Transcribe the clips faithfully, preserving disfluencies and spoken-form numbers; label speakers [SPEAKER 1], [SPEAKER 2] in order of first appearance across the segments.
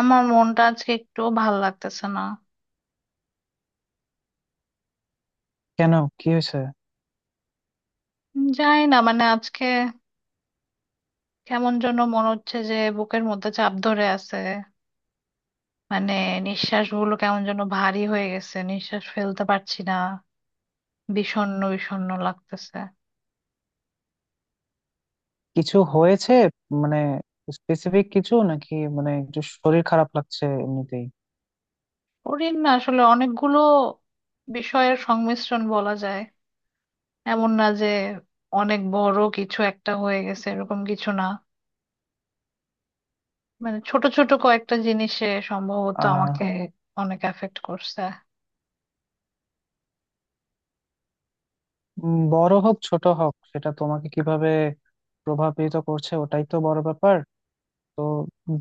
[SPEAKER 1] আমার মনটা আজকে একটু ভাল লাগতেছে না।
[SPEAKER 2] কেন? কি হয়েছে?
[SPEAKER 1] উম, জানি না, মানে আজকে কেমন যেন মনে হচ্ছে যে বুকের মধ্যে চাপ ধরে আছে। মানে নিঃশ্বাস গুলো কেমন যেন ভারী হয়ে গেছে, নিঃশ্বাস ফেলতে পারছি না। বিষণ্ণ বিষণ্ণ লাগতেছে।
[SPEAKER 2] কিছু হয়েছে? মানে, স্পেসিফিক কিছু নাকি মানে একটু শরীর খারাপ লাগছে এমনিতেই?
[SPEAKER 1] কঠিন না, আসলে অনেকগুলো বিষয়ের সংমিশ্রণ বলা যায়। এমন না যে অনেক বড় কিছু একটা হয়ে গেছে, এরকম কিছু না। মানে ছোট ছোট কয়েকটা জিনিসে সম্ভবত
[SPEAKER 2] আহ
[SPEAKER 1] আমাকে অনেক এফেক্ট করছে।
[SPEAKER 2] উম, বড় হোক ছোট হোক, সেটা তোমাকে কিভাবে প্রভাবিত করছে ওটাই তো বড় ব্যাপার। তো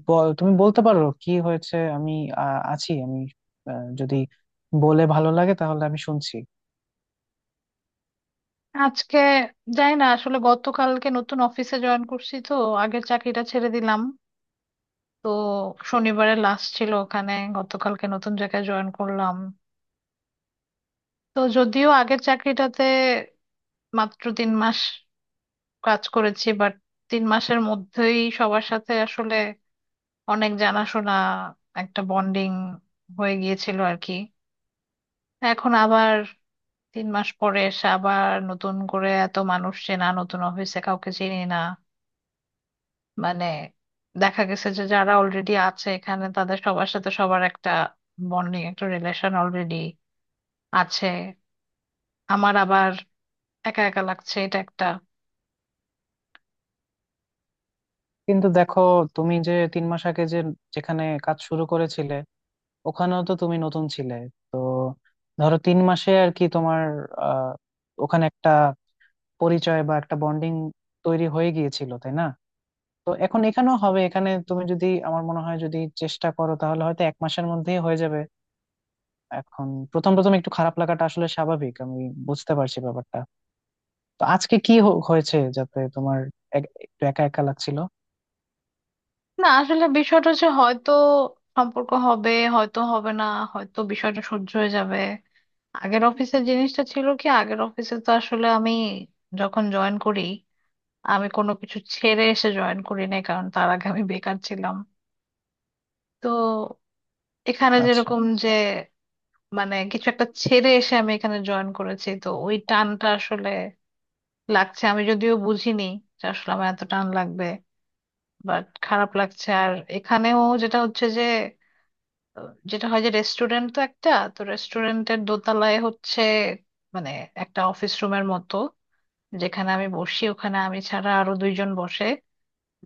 [SPEAKER 2] বল- তুমি বলতে পারো কি হয়েছে, আমি আহ, আছি। আমি আহ, যদি বলে ভালো লাগে তাহলে আমি শুনছি।
[SPEAKER 1] আজকে যাই না আসলে, গতকালকে নতুন অফিসে জয়েন করছি তো। আগের চাকরিটা ছেড়ে দিলাম। তো শনিবারে লাস্ট ছিল ওখানে, গতকালকে নতুন জায়গায় জয়েন করলাম। তো যদিও আগের চাকরিটাতে মাত্র তিন মাস কাজ করেছি, বাট তিন মাসের মধ্যেই সবার সাথে আসলে অনেক জানাশোনা, একটা বন্ডিং হয়ে গিয়েছিল আর কি। এখন আবার তিন মাস পরে এসে আবার নতুন করে এত মানুষ চেনা, নতুন অফিসে কাউকে চিনি না। মানে দেখা গেছে যে যারা অলরেডি আছে এখানে, তাদের সবার সাথে সবার একটা বন্ডিং একটা রিলেশন অলরেডি আছে। আমার আবার একা একা লাগছে, এটা একটা।
[SPEAKER 2] কিন্তু দেখো, তুমি যে তিন মাস আগে যে যেখানে কাজ শুরু করেছিলে, ওখানেও তো তুমি নতুন ছিলে। তো ধরো তিন মাসে আর কি তোমার আহ, ওখানে একটা পরিচয় বা একটা বন্ডিং তৈরি হয়ে গিয়েছিল, তাই না? তো এখন এখানেও হবে। এখানে তুমি যদি, আমার মনে হয় যদি চেষ্টা করো তাহলে হয়তো এক মাসের মধ্যেই হয়ে যাবে। এখন প্রথম প্রথম একটু খারাপ লাগাটা আসলে স্বাভাবিক, আমি বুঝতে পারছি ব্যাপারটা। তো আজকে কি হ- হয়েছে যাতে তোমার এক- একটু একা একা লাগছিল?
[SPEAKER 1] না আসলে বিষয়টা হচ্ছে, হয়তো সম্পর্ক হবে, হয়তো হবে না, হয়তো বিষয়টা সহ্য হয়ে যাবে। আগের অফিসের জিনিসটা ছিল কি, আগের অফিসে তো আসলে আমি যখন জয়েন করি, আমি কোনো কিছু ছেড়ে এসে জয়েন করি নাই, কারণ তার আগে আমি বেকার ছিলাম। তো এখানে
[SPEAKER 2] আচ্ছা,
[SPEAKER 1] যেরকম যে মানে কিছু একটা ছেড়ে এসে আমি এখানে জয়েন করেছি, তো ওই টানটা আসলে লাগছে। আমি যদিও বুঝিনি যে আসলে আমার এত টান লাগবে, বাট খারাপ লাগছে। আর এখানেও যেটা হচ্ছে যে আহ, যেটা হয় যে রেস্টুরেন্ট তো একটা, তো রেস্টুরেন্টের দোতলায় হচ্ছে মানে একটা অফিস রুমের মতো। যেখানে আমি বসি ওখানে আমি ছাড়া আরো দুইজন বসে,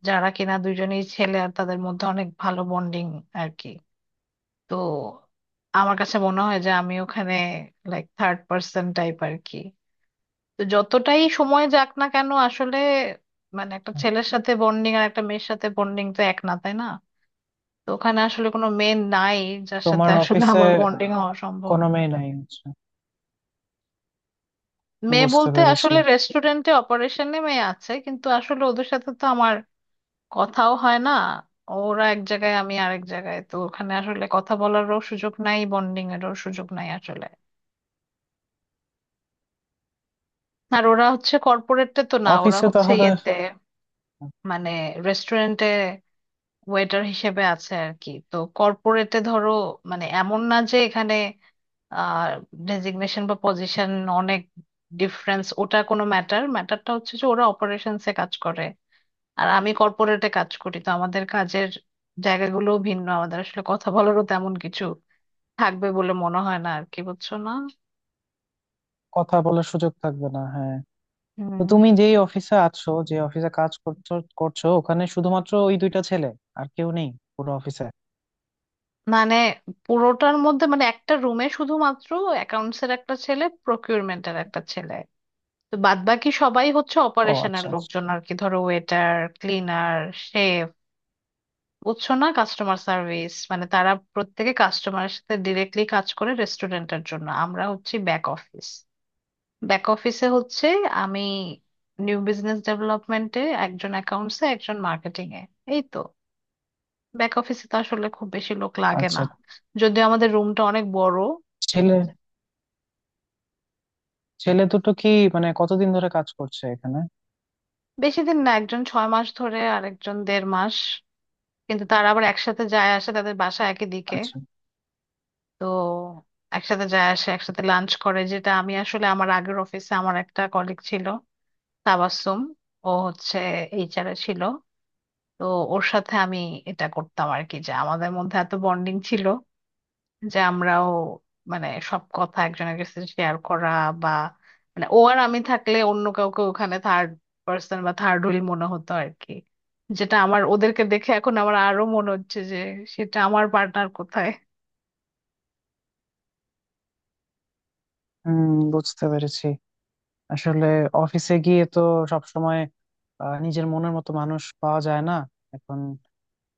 [SPEAKER 1] যারা কিনা দুইজনই ছেলে, আর তাদের মধ্যে অনেক ভালো বন্ডিং আর কি। তো আমার কাছে মনে হয় যে আমি ওখানে লাইক থার্ড পার্সন টাইপ আর কি। তো যতটাই সময় যাক না কেন, আসলে মানে একটা ছেলের সাথে বন্ডিং আর একটা মেয়ের সাথে বন্ডিং তো এক না, তাই না? তো ওখানে আসলে কোনো মেয়ে নাই যার সাথে
[SPEAKER 2] তোমার
[SPEAKER 1] আসলে
[SPEAKER 2] অফিসে
[SPEAKER 1] আমার বন্ডিং হওয়া সম্ভব।
[SPEAKER 2] কোনো মেয়ে নাই? আচ্ছা।
[SPEAKER 1] মেয়ে
[SPEAKER 2] বুঝতে
[SPEAKER 1] বলতে
[SPEAKER 2] পেরেছি।
[SPEAKER 1] আসলে রেস্টুরেন্টে অপারেশনে মেয়ে আছে, কিন্তু আসলে ওদের সাথে তো আমার কথাও হয় না। ওরা এক জায়গায়, আমি আরেক জায়গায়, তো ওখানে আসলে কথা বলারও সুযোগ নাই, বন্ডিং এরও সুযোগ নাই আসলে। আর ওরা হচ্ছে কর্পোরেটে তো না, ওরা
[SPEAKER 2] অফিসে
[SPEAKER 1] হচ্ছে
[SPEAKER 2] তাহলে?
[SPEAKER 1] ইয়েতে, মানে রেস্টুরেন্টে ওয়েটার হিসেবে আছে আর কি। তো কর্পোরেটে ধরো, মানে এমন না যে এখানে আহ ডেজিগনেশন বা পজিশন অনেক ডিফারেন্স, ওটা কোনো ম্যাটার। ম্যাটারটা হচ্ছে যে ওরা অপারেশনসে কাজ করে, আর আমি কর্পোরেটে কাজ করি। তো আমাদের কাজের জায়গাগুলো ভিন্ন, আমাদের আসলে কথা বলারও তেমন কিছু থাকবে বলে মনে হয় না আর কি, বুঝছো না?
[SPEAKER 2] কথা বলার সুযোগ থাকবে না, হ্যাঁ। তো
[SPEAKER 1] হুম,
[SPEAKER 2] তুমি যেই অফিসে আছো, যে অফিসে কাজ করছো করছো, ওখানে শুধুমাত্র ওই দুইটা ছেলে, আর কেউ নেই পুরো অফিসে?
[SPEAKER 1] মানে পুরোটার মধ্যে মানে একটা রুমে শুধুমাত্র অ্যাকাউন্টস এর একটা ছেলে, প্রকিউরমেন্ট এর একটা ছেলে। তো বাদ বাকি সবাই হচ্ছে
[SPEAKER 2] ও
[SPEAKER 1] অপারেশনের
[SPEAKER 2] আচ্ছা আচ্ছা।
[SPEAKER 1] লোকজন আর কি, ধরো ওয়েটার, ক্লিনার, শেফ, বুঝছো না, কাস্টমার সার্ভিস। মানে তারা প্রত্যেকে কাস্টমারের সাথে ডিরেক্টলি কাজ করে রেস্টুরেন্টের জন্য, আমরা হচ্ছে ব্যাক অফিস। ব্যাক অফিসে হচ্ছে আমি নিউ বিজনেস ডেভেলপমেন্টে, একজন অ্যাকাউন্টসে, একজন মার্কেটিং এ, এই তো। ব্যাক অফিসে তো আসলে খুব বেশি লোক লাগে না,
[SPEAKER 2] আচ্ছা।
[SPEAKER 1] যদিও আমাদের রুমটা অনেক বড়।
[SPEAKER 2] ছেলে ছেলে দুটো কি মানে কতদিন ধরে কাজ করছে এখানে?
[SPEAKER 1] বেশি দিন না, একজন ছয় মাস ধরে আর একজন দেড় মাস। কিন্তু তারা আবার একসাথে যায় আসে, তাদের বাসা একই দিকে।
[SPEAKER 2] আচ্ছা।
[SPEAKER 1] তো একসাথে যায় আসে, একসাথে লাঞ্চ করে। যেটা আমি আসলে, আমার আগের অফিসে আমার একটা কলিগ ছিল, তাবাসসুম, ও হচ্ছে এইচআর এ ছিল। তো ওর সাথে আমি এটা করতাম আর কি। যে আমাদের মধ্যে এত বন্ডিং ছিল যে আমরাও মানে সব কথা একজনের কাছে শেয়ার করা, বা মানে ও আর আমি থাকলে অন্য কাউকে ওখানে থার্ড পার্সন বা থার্ড হুইল মনে হতো আর কি। যেটা আমার ওদেরকে দেখে এখন আমার আরো মনে হচ্ছে যে সেটা, আমার পার্টনার কোথায়?
[SPEAKER 2] হুম, বুঝতে পেরেছি। আসলে অফিসে গিয়ে তো সবসময় আহ, নিজের মনের মতো মানুষ পাওয়া যায় না। এখন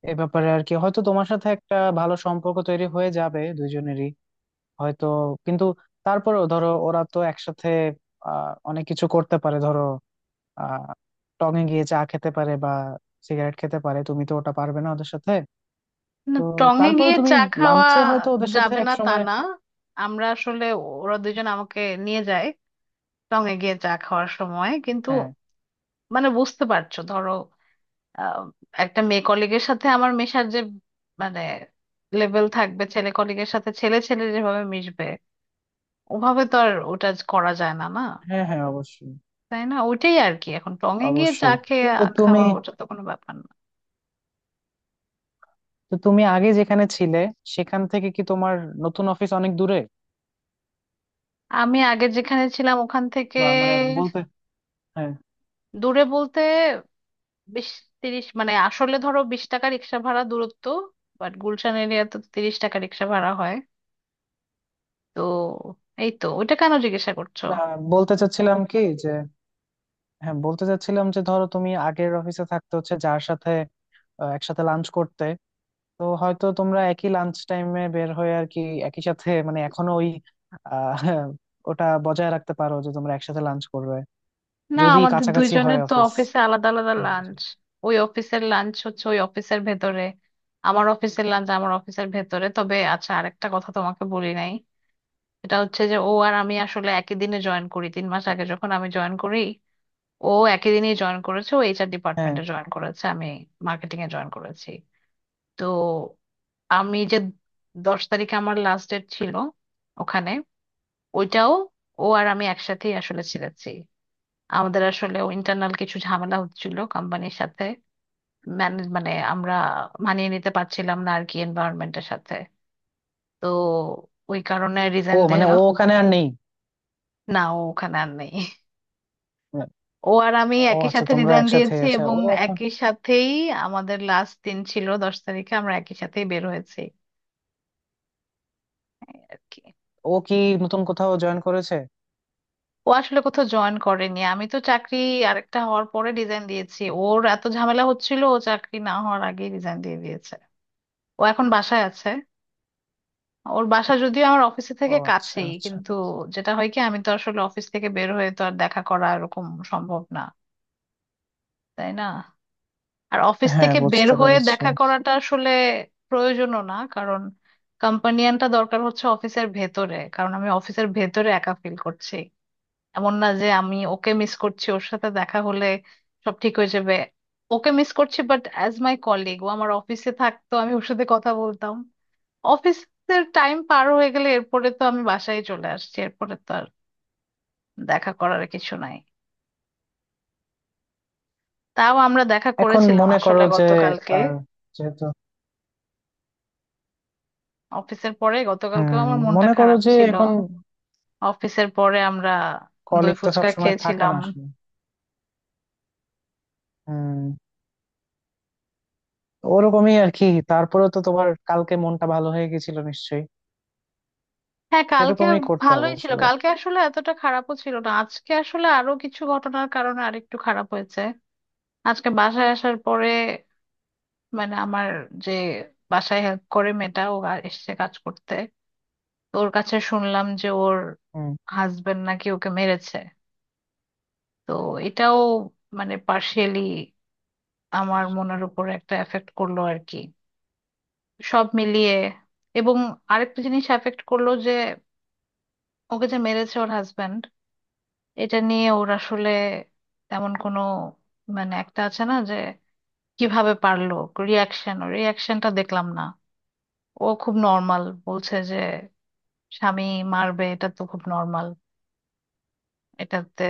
[SPEAKER 2] এ ব্যাপারে আর কি হয়তো তোমার সাথে একটা ভালো সম্পর্ক তৈরি হয়ে যাবে দুইজনেরই, হয়তো। কিন্তু তারপরেও ধরো ওরা তো একসাথে আহ অনেক কিছু করতে পারে। ধরো আহ টঙে গিয়ে চা খেতে পারে বা সিগারেট খেতে পারে, তুমি তো ওটা পারবে না ওদের সাথে।
[SPEAKER 1] না
[SPEAKER 2] তো
[SPEAKER 1] টঙে
[SPEAKER 2] তারপরে
[SPEAKER 1] গিয়ে
[SPEAKER 2] তুমি
[SPEAKER 1] চা খাওয়া
[SPEAKER 2] লাঞ্চে হয়তো ওদের সাথে
[SPEAKER 1] যাবে
[SPEAKER 2] এক
[SPEAKER 1] না তা
[SPEAKER 2] সময়।
[SPEAKER 1] না, আমরা আসলে, ওরা দুজন আমাকে নিয়ে যায় টঙে গিয়ে চা খাওয়ার সময়, কিন্তু
[SPEAKER 2] হ্যাঁ।
[SPEAKER 1] মানে বুঝতে পারছো ধরো, আহ, একটা মেয়ে কলিগের সাথে আমার মেশার যে মানে লেভেল থাকবে, ছেলে কলিগের সাথে ছেলে ছেলে যেভাবে মিশবে ওভাবে তো আর ওটা আজ করা যায় না, না?
[SPEAKER 2] হ্যাঁ, হ্যাঁ, অবশ্যই।
[SPEAKER 1] তাই না, ওইটাই আর কি। এখন টঙে গিয়ে চা
[SPEAKER 2] অবশ্যই।
[SPEAKER 1] খেয়ে
[SPEAKER 2] তো
[SPEAKER 1] আ-
[SPEAKER 2] তুমি,
[SPEAKER 1] খাওয়া ওটা তো কোনো ব্যাপার না।
[SPEAKER 2] তো তুমি আগে যেখানে ছিলে, সেখান থেকে কি তোমার নতুন অফিস অনেক দূরে?
[SPEAKER 1] আমি আগে যেখানে ছিলাম ওখান থেকে
[SPEAKER 2] বা মানে বলতে, হ্যাঁ।
[SPEAKER 1] দূরে বলতে বিশ তিরিশ, মানে আসলে ধরো বিশ টাকা রিক্সা ভাড়া দূরত্ব, বাট গুলশান এরিয়াতে তো তিরিশ টাকা রিক্সা ভাড়া হয়। তো এই তো, ওইটা কেন জিজ্ঞাসা করছো?
[SPEAKER 2] না, বলতে চাচ্ছিলাম কি যে, হ্যাঁ বলতে চাচ্ছিলাম যে ধরো তুমি আগের অফিসে থাকতে, হচ্ছে যার সাথে আহ, একসাথে লাঞ্চ করতে, তো হয়তো তোমরা একই লাঞ্চ টাইমে বের হয়ে আর কি একই সাথে মানে এখনো ওই আহ, ওটা বজায় রাখতে পারো যে তোমরা একসাথে লাঞ্চ করবে,
[SPEAKER 1] না
[SPEAKER 2] যদি
[SPEAKER 1] আমাদের
[SPEAKER 2] কাছাকাছি হয়
[SPEAKER 1] দুইজনের তো
[SPEAKER 2] অফিস।
[SPEAKER 1] অফিসে আলাদা আলাদা লাঞ্চ, ওই অফিসের লাঞ্চ হচ্ছে ওই অফিসের ভেতরে, আমার অফিসের লাঞ্চ আমার অফিসের ভেতরে। তবে আচ্ছা, আরেকটা কথা তোমাকে বলি নাই, এটা হচ্ছে যে ও আর আমি আসলে একই দিনে জয়েন করি। তিন মাস আগে যখন আমি জয়েন করি, ও একই দিনে জয়েন করেছে। ও এইচআর
[SPEAKER 2] হ্যাঁ।
[SPEAKER 1] ডিপার্টমেন্টে জয়েন করেছে, আমি মার্কেটিং এ জয়েন করেছি। তো আমি যে দশ তারিখে আমার লাস্ট ডেট ছিল ওখানে, ওইটাও ও আর আমি একসাথেই আসলে ছিলেছি। আমাদের আসলে ইন্টারনাল কিছু ঝামেলা হচ্ছিল কোম্পানির সাথে, ম্যানেজ মানে আমরা মানিয়ে নিতে পারছিলাম না আর কি এনভায়রনমেন্টের সাথে। তো ওই কারণে
[SPEAKER 2] ও
[SPEAKER 1] রিজাইন
[SPEAKER 2] মানে
[SPEAKER 1] দেওয়া।
[SPEAKER 2] ও ওখানে আর নেই।
[SPEAKER 1] না ও ওখানে আর নেই, ও আর আমি
[SPEAKER 2] ও
[SPEAKER 1] একই
[SPEAKER 2] আচ্ছা,
[SPEAKER 1] সাথে
[SPEAKER 2] তোমরা
[SPEAKER 1] রিজাইন
[SPEAKER 2] একসাথে।
[SPEAKER 1] দিয়েছি,
[SPEAKER 2] আচ্ছা,
[SPEAKER 1] এবং
[SPEAKER 2] ও এখন?
[SPEAKER 1] একই সাথেই আমাদের লাস্ট দিন ছিল দশ তারিখে, আমরা একই সাথেই বের হয়েছি, এই আর কি।
[SPEAKER 2] ও কি নতুন কোথাও জয়েন করেছে?
[SPEAKER 1] ও আসলে কোথাও জয়েন করেনি, আমি তো চাকরি আরেকটা হওয়ার পরে রিজাইন দিয়েছি। ওর এত ঝামেলা হচ্ছিল, ও চাকরি না হওয়ার আগেই রিজাইন দিয়ে দিয়েছে, ও এখন বাসায় আছে। ওর বাসা যদিও আমার অফিসে
[SPEAKER 2] ও
[SPEAKER 1] থেকে
[SPEAKER 2] আচ্ছা
[SPEAKER 1] কাছেই,
[SPEAKER 2] আচ্ছা।
[SPEAKER 1] কিন্তু যেটা হয় কি আমি তো আসলে অফিস থেকে বের হয়ে তো আর দেখা করা এরকম সম্ভব না, তাই না? আর অফিস
[SPEAKER 2] হ্যাঁ,
[SPEAKER 1] থেকে বের
[SPEAKER 2] বুঝতে
[SPEAKER 1] হয়ে
[SPEAKER 2] পেরেছি।
[SPEAKER 1] দেখা করাটা আসলে প্রয়োজনও না, কারণ কম্পানিয়ানটা দরকার হচ্ছে অফিসের ভেতরে, কারণ আমি অফিসের ভেতরে একা ফিল করছি। এমন না যে আমি ওকে মিস করছি, ওর সাথে দেখা হলে সব ঠিক হয়ে যাবে, ওকে মিস করছি বাট অ্যাজ মাই কলিগ ও আমার অফিসে থাকতো, আমি ওর সাথে কথা বলতাম। অফিসের টাইম পার হয়ে গেলে এরপরে তো আমি বাসায় চলে আসছি, এরপরে তো আর দেখা করার কিছু নাই। তাও আমরা দেখা
[SPEAKER 2] এখন
[SPEAKER 1] করেছিলাম
[SPEAKER 2] মনে
[SPEAKER 1] আসলে
[SPEAKER 2] করো যে
[SPEAKER 1] গতকালকে,
[SPEAKER 2] আহ, যেহেতু।
[SPEAKER 1] অফিসের পরে। গতকালকেও
[SPEAKER 2] হম।
[SPEAKER 1] আমার মনটা
[SPEAKER 2] মনে করো
[SPEAKER 1] খারাপ
[SPEAKER 2] যে
[SPEAKER 1] ছিল,
[SPEAKER 2] এখন
[SPEAKER 1] অফিসের পরে আমরা দই
[SPEAKER 2] কলিগ তো
[SPEAKER 1] ফুচকা
[SPEAKER 2] সবসময় থাকে
[SPEAKER 1] খেয়েছিলাম।
[SPEAKER 2] না আসলে। হম। ওরকমই আর কি। তারপরে তো তোমার কালকে মনটা ভালো হয়ে গেছিল নিশ্চয়ই।
[SPEAKER 1] হ্যাঁ, কালকে
[SPEAKER 2] এরকমই করতে হবে
[SPEAKER 1] ভালোই ছিল,
[SPEAKER 2] আসলে।
[SPEAKER 1] কালকে আসলে এতটা খারাপও ছিল না। আজকে আসলে আরো কিছু ঘটনার কারণে আরেকটু খারাপ হয়েছে। আজকে বাসায় আসার পরে, মানে আমার যে বাসায় হেল্প করে মেয়েটা ও আর এসেছে কাজ করতে, তোর কাছে শুনলাম যে ওর
[SPEAKER 2] হুম।
[SPEAKER 1] হাজবেন্ড নাকি ওকে মেরেছে। তো এটাও মানে পার্শিয়ালি আমার মনের উপর একটা এফেক্ট করলো আর কি, সব মিলিয়ে। এবং আরেকটা জিনিস এফেক্ট করলো, যে ওকে যে মেরেছে ওর হাজবেন্ড, এটা নিয়ে ওর আসলে তেমন কোনো, মানে একটা আছে না যে কিভাবে পারলো, রিয়াকশন, ওর রিয়াকশনটা দেখলাম না। ও খুব নর্মাল বলছে যে স্বামী মারবে এটা তো খুব নর্মাল, এটাতে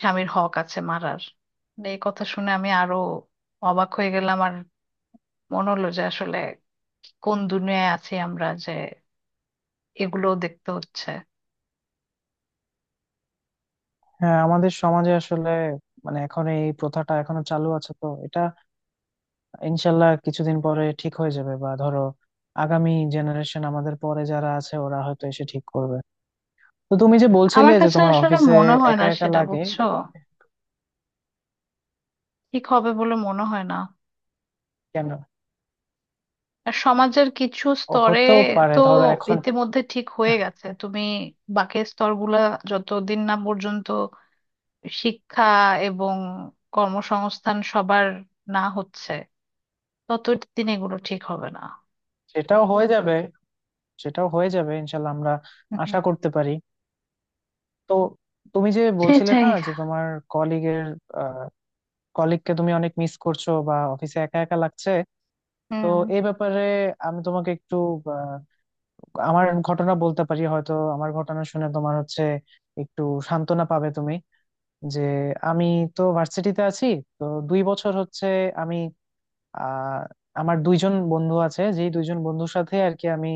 [SPEAKER 1] স্বামীর হক আছে মারার। এই কথা শুনে আমি আরো অবাক হয়ে গেলাম, আর মনে হলো যে আসলে কোন দুনিয়ায় আছি আমরা যে এগুলো দেখতে হচ্ছে।
[SPEAKER 2] হ্যাঁ, আমাদের সমাজে আসলে মানে এখন এই প্রথাটা এখনো চালু আছে, তো এটা ইনশাল্লাহ কিছুদিন পরে ঠিক হয়ে যাবে বা ধরো আগামী জেনারেশন আমাদের পরে যারা আছে ওরা হয়তো এসে ঠিক করবে। তো তুমি যে বলছিলে
[SPEAKER 1] আমার
[SPEAKER 2] যে
[SPEAKER 1] কাছে
[SPEAKER 2] তোমার
[SPEAKER 1] আসলে
[SPEAKER 2] অফিসে
[SPEAKER 1] মনে হয় না
[SPEAKER 2] একা একা
[SPEAKER 1] সেটা,
[SPEAKER 2] লাগে,
[SPEAKER 1] বুঝছো? ঠিক হবে বলে মনে হয় না।
[SPEAKER 2] কেন?
[SPEAKER 1] আর সমাজের কিছু
[SPEAKER 2] ও,
[SPEAKER 1] স্তরে
[SPEAKER 2] হতেও পারে
[SPEAKER 1] তো
[SPEAKER 2] ধরো এখন।
[SPEAKER 1] ইতিমধ্যে ঠিক হয়ে গেছে তুমি, বাকি স্তরগুলা যতদিন না পর্যন্ত শিক্ষা এবং কর্মসংস্থান সবার না হচ্ছে, ততদিন এগুলো ঠিক হবে না।
[SPEAKER 2] সেটাও হয়ে যাবে, সেটাও হয়ে যাবে ইনশাল্লাহ, আমরা
[SPEAKER 1] হুম,
[SPEAKER 2] আশা করতে পারি। তো তুমি যে বলছিলে না
[SPEAKER 1] সেটাই।
[SPEAKER 2] যে তোমার কলিগের কলিগকে তুমি অনেক মিস করছো বা অফিসে একা একা লাগছে, তো
[SPEAKER 1] হুম।
[SPEAKER 2] এই ব্যাপারে আমি তোমাকে একটু আহ, আমার ঘটনা বলতে পারি। হয়তো আমার ঘটনা শুনে তোমার হচ্ছে একটু সান্ত্বনা পাবে তুমি। যে আমি তো ভার্সিটিতে আছি, তো দুই বছর হচ্ছে আমি আহ আমার দুইজন বন্ধু আছে, যেই দুইজন বন্ধুর সাথে আর কি আমি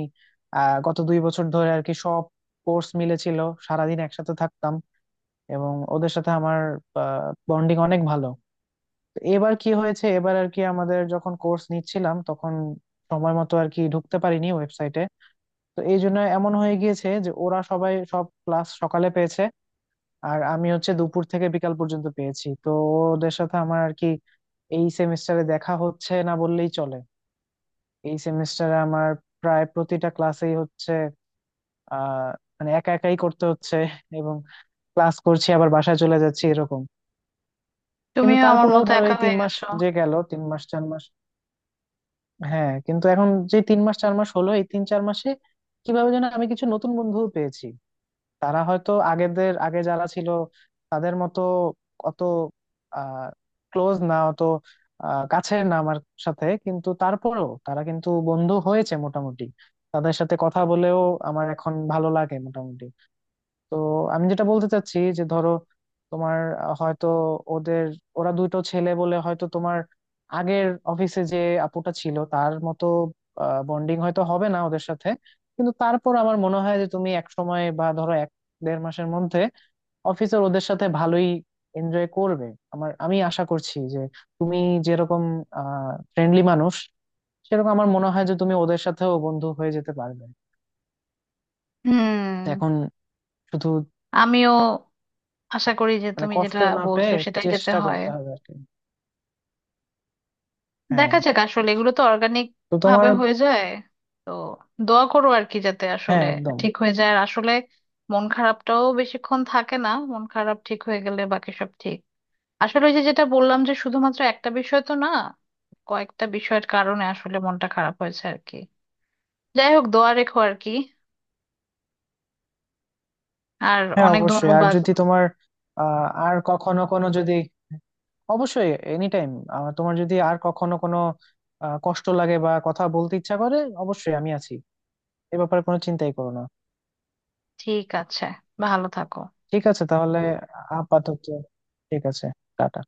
[SPEAKER 2] আহ গত দুই বছর ধরে আর কি সব কোর্স মিলেছিল, সারাদিন একসাথে থাকতাম এবং ওদের সাথে আমার বন্ডিং অনেক ভালো। তো এবার কি হয়েছে, এবার আর কি আমাদের যখন কোর্স নিচ্ছিলাম তখন সময় মতো আর কি ঢুকতে পারিনি ওয়েবসাইটে। তো এই জন্য এমন হয়ে গিয়েছে যে ওরা সবাই সব ক্লাস সকালে পেয়েছে, আর আমি হচ্ছে দুপুর থেকে বিকাল পর্যন্ত পেয়েছি। তো ওদের সাথে আমার আর কি এই সেমিস্টারে দেখা হচ্ছে না বললেই চলে। এই সেমিস্টারে আমার প্রায় প্রতিটা ক্লাসেই হচ্ছে আহ মানে একা একাই করতে হচ্ছে, এবং ক্লাস করছি আবার বাসায় চলে যাচ্ছি এরকম। কিন্তু
[SPEAKER 1] তুমিও আমার
[SPEAKER 2] তারপরেও
[SPEAKER 1] মতো
[SPEAKER 2] ধরো
[SPEAKER 1] একা
[SPEAKER 2] এই তিন
[SPEAKER 1] হয়ে
[SPEAKER 2] মাস
[SPEAKER 1] গেছো।
[SPEAKER 2] যে গেল, তিন মাস চার মাস, হ্যাঁ কিন্তু এখন যে তিন মাস চার মাস হলো এই তিন চার মাসে কিভাবে যেন আমি কিছু নতুন বন্ধু পেয়েছি। তারা হয়তো আগেদের আগে যারা ছিল তাদের মতো অত আহ ক্লোজ না, অত আহ কাছের না আমার সাথে, কিন্তু তারপরেও তারা কিন্তু বন্ধু হয়েছে মোটামুটি। তাদের সাথে কথা বলেও আমার এখন ভালো লাগে মোটামুটি। তো আমি যেটা বলতে চাচ্ছি যে ধরো তোমার আহ, হয়তো ওদের ওরা দুটো ছেলে বলে হয়তো তোমার আগের অফিসে যে আপুটা ছিল তার মতো বন্ডিং হয়তো হবে না ওদের সাথে, কিন্তু তারপর আমার মনে হয় যে তুমি এক সময় বা ধরো এক দেড় মাসের মধ্যে অফিসের ওদের সাথে ভালোই এনজয় করবে। আমার আমি আশা করছি যে তুমি যেরকম আহ ফ্রেন্ডলি মানুষ, সেরকম আমার মনে হয় যে তুমি ওদের সাথেও বন্ধু হয়ে যেতে পারবে। তো
[SPEAKER 1] হুম।
[SPEAKER 2] এখন শুধু
[SPEAKER 1] আমিও আশা করি যে
[SPEAKER 2] মানে
[SPEAKER 1] তুমি
[SPEAKER 2] কষ্ট
[SPEAKER 1] যেটা
[SPEAKER 2] না
[SPEAKER 1] বলছো
[SPEAKER 2] পেয়ে
[SPEAKER 1] সেটাই যেতে
[SPEAKER 2] চেষ্টা
[SPEAKER 1] হয়।
[SPEAKER 2] করতে হবে আর কি। হ্যাঁ।
[SPEAKER 1] দেখা যাক আসলে, এগুলো তো অর্গানিক
[SPEAKER 2] তো তোমার,
[SPEAKER 1] ভাবে হয়ে যায়। তো দোয়া করো আর কি, যাতে
[SPEAKER 2] হ্যাঁ
[SPEAKER 1] আসলে
[SPEAKER 2] একদম।
[SPEAKER 1] ঠিক হয়ে যায়। আর আসলে মন খারাপটাও বেশিক্ষণ থাকে না, মন খারাপ ঠিক হয়ে গেলে বাকি সব ঠিক। আসলে ওই যে যেটা বললাম যে শুধুমাত্র একটা বিষয় তো না, কয়েকটা বিষয়ের কারণে আসলে মনটা খারাপ হয়েছে আর কি। যাই হোক দোয়া রেখো আর কি, আর
[SPEAKER 2] হ্যাঁ
[SPEAKER 1] অনেক
[SPEAKER 2] অবশ্যই। আর
[SPEAKER 1] ধন্যবাদ।
[SPEAKER 2] যদি তোমার আহ আর কখনো কোনো যদি, অবশ্যই এনি টাইম, তোমার যদি আর কখনো কোনো আহ, কষ্ট লাগে বা কথা বলতে ইচ্ছা করে, অবশ্যই আমি আছি। এ ব্যাপারে কোনো চিন্তাই করো না।
[SPEAKER 1] ঠিক আছে, ভালো থাকো।
[SPEAKER 2] ঠিক আছে তাহলে, আপাতত ঠিক আছে। টাটা।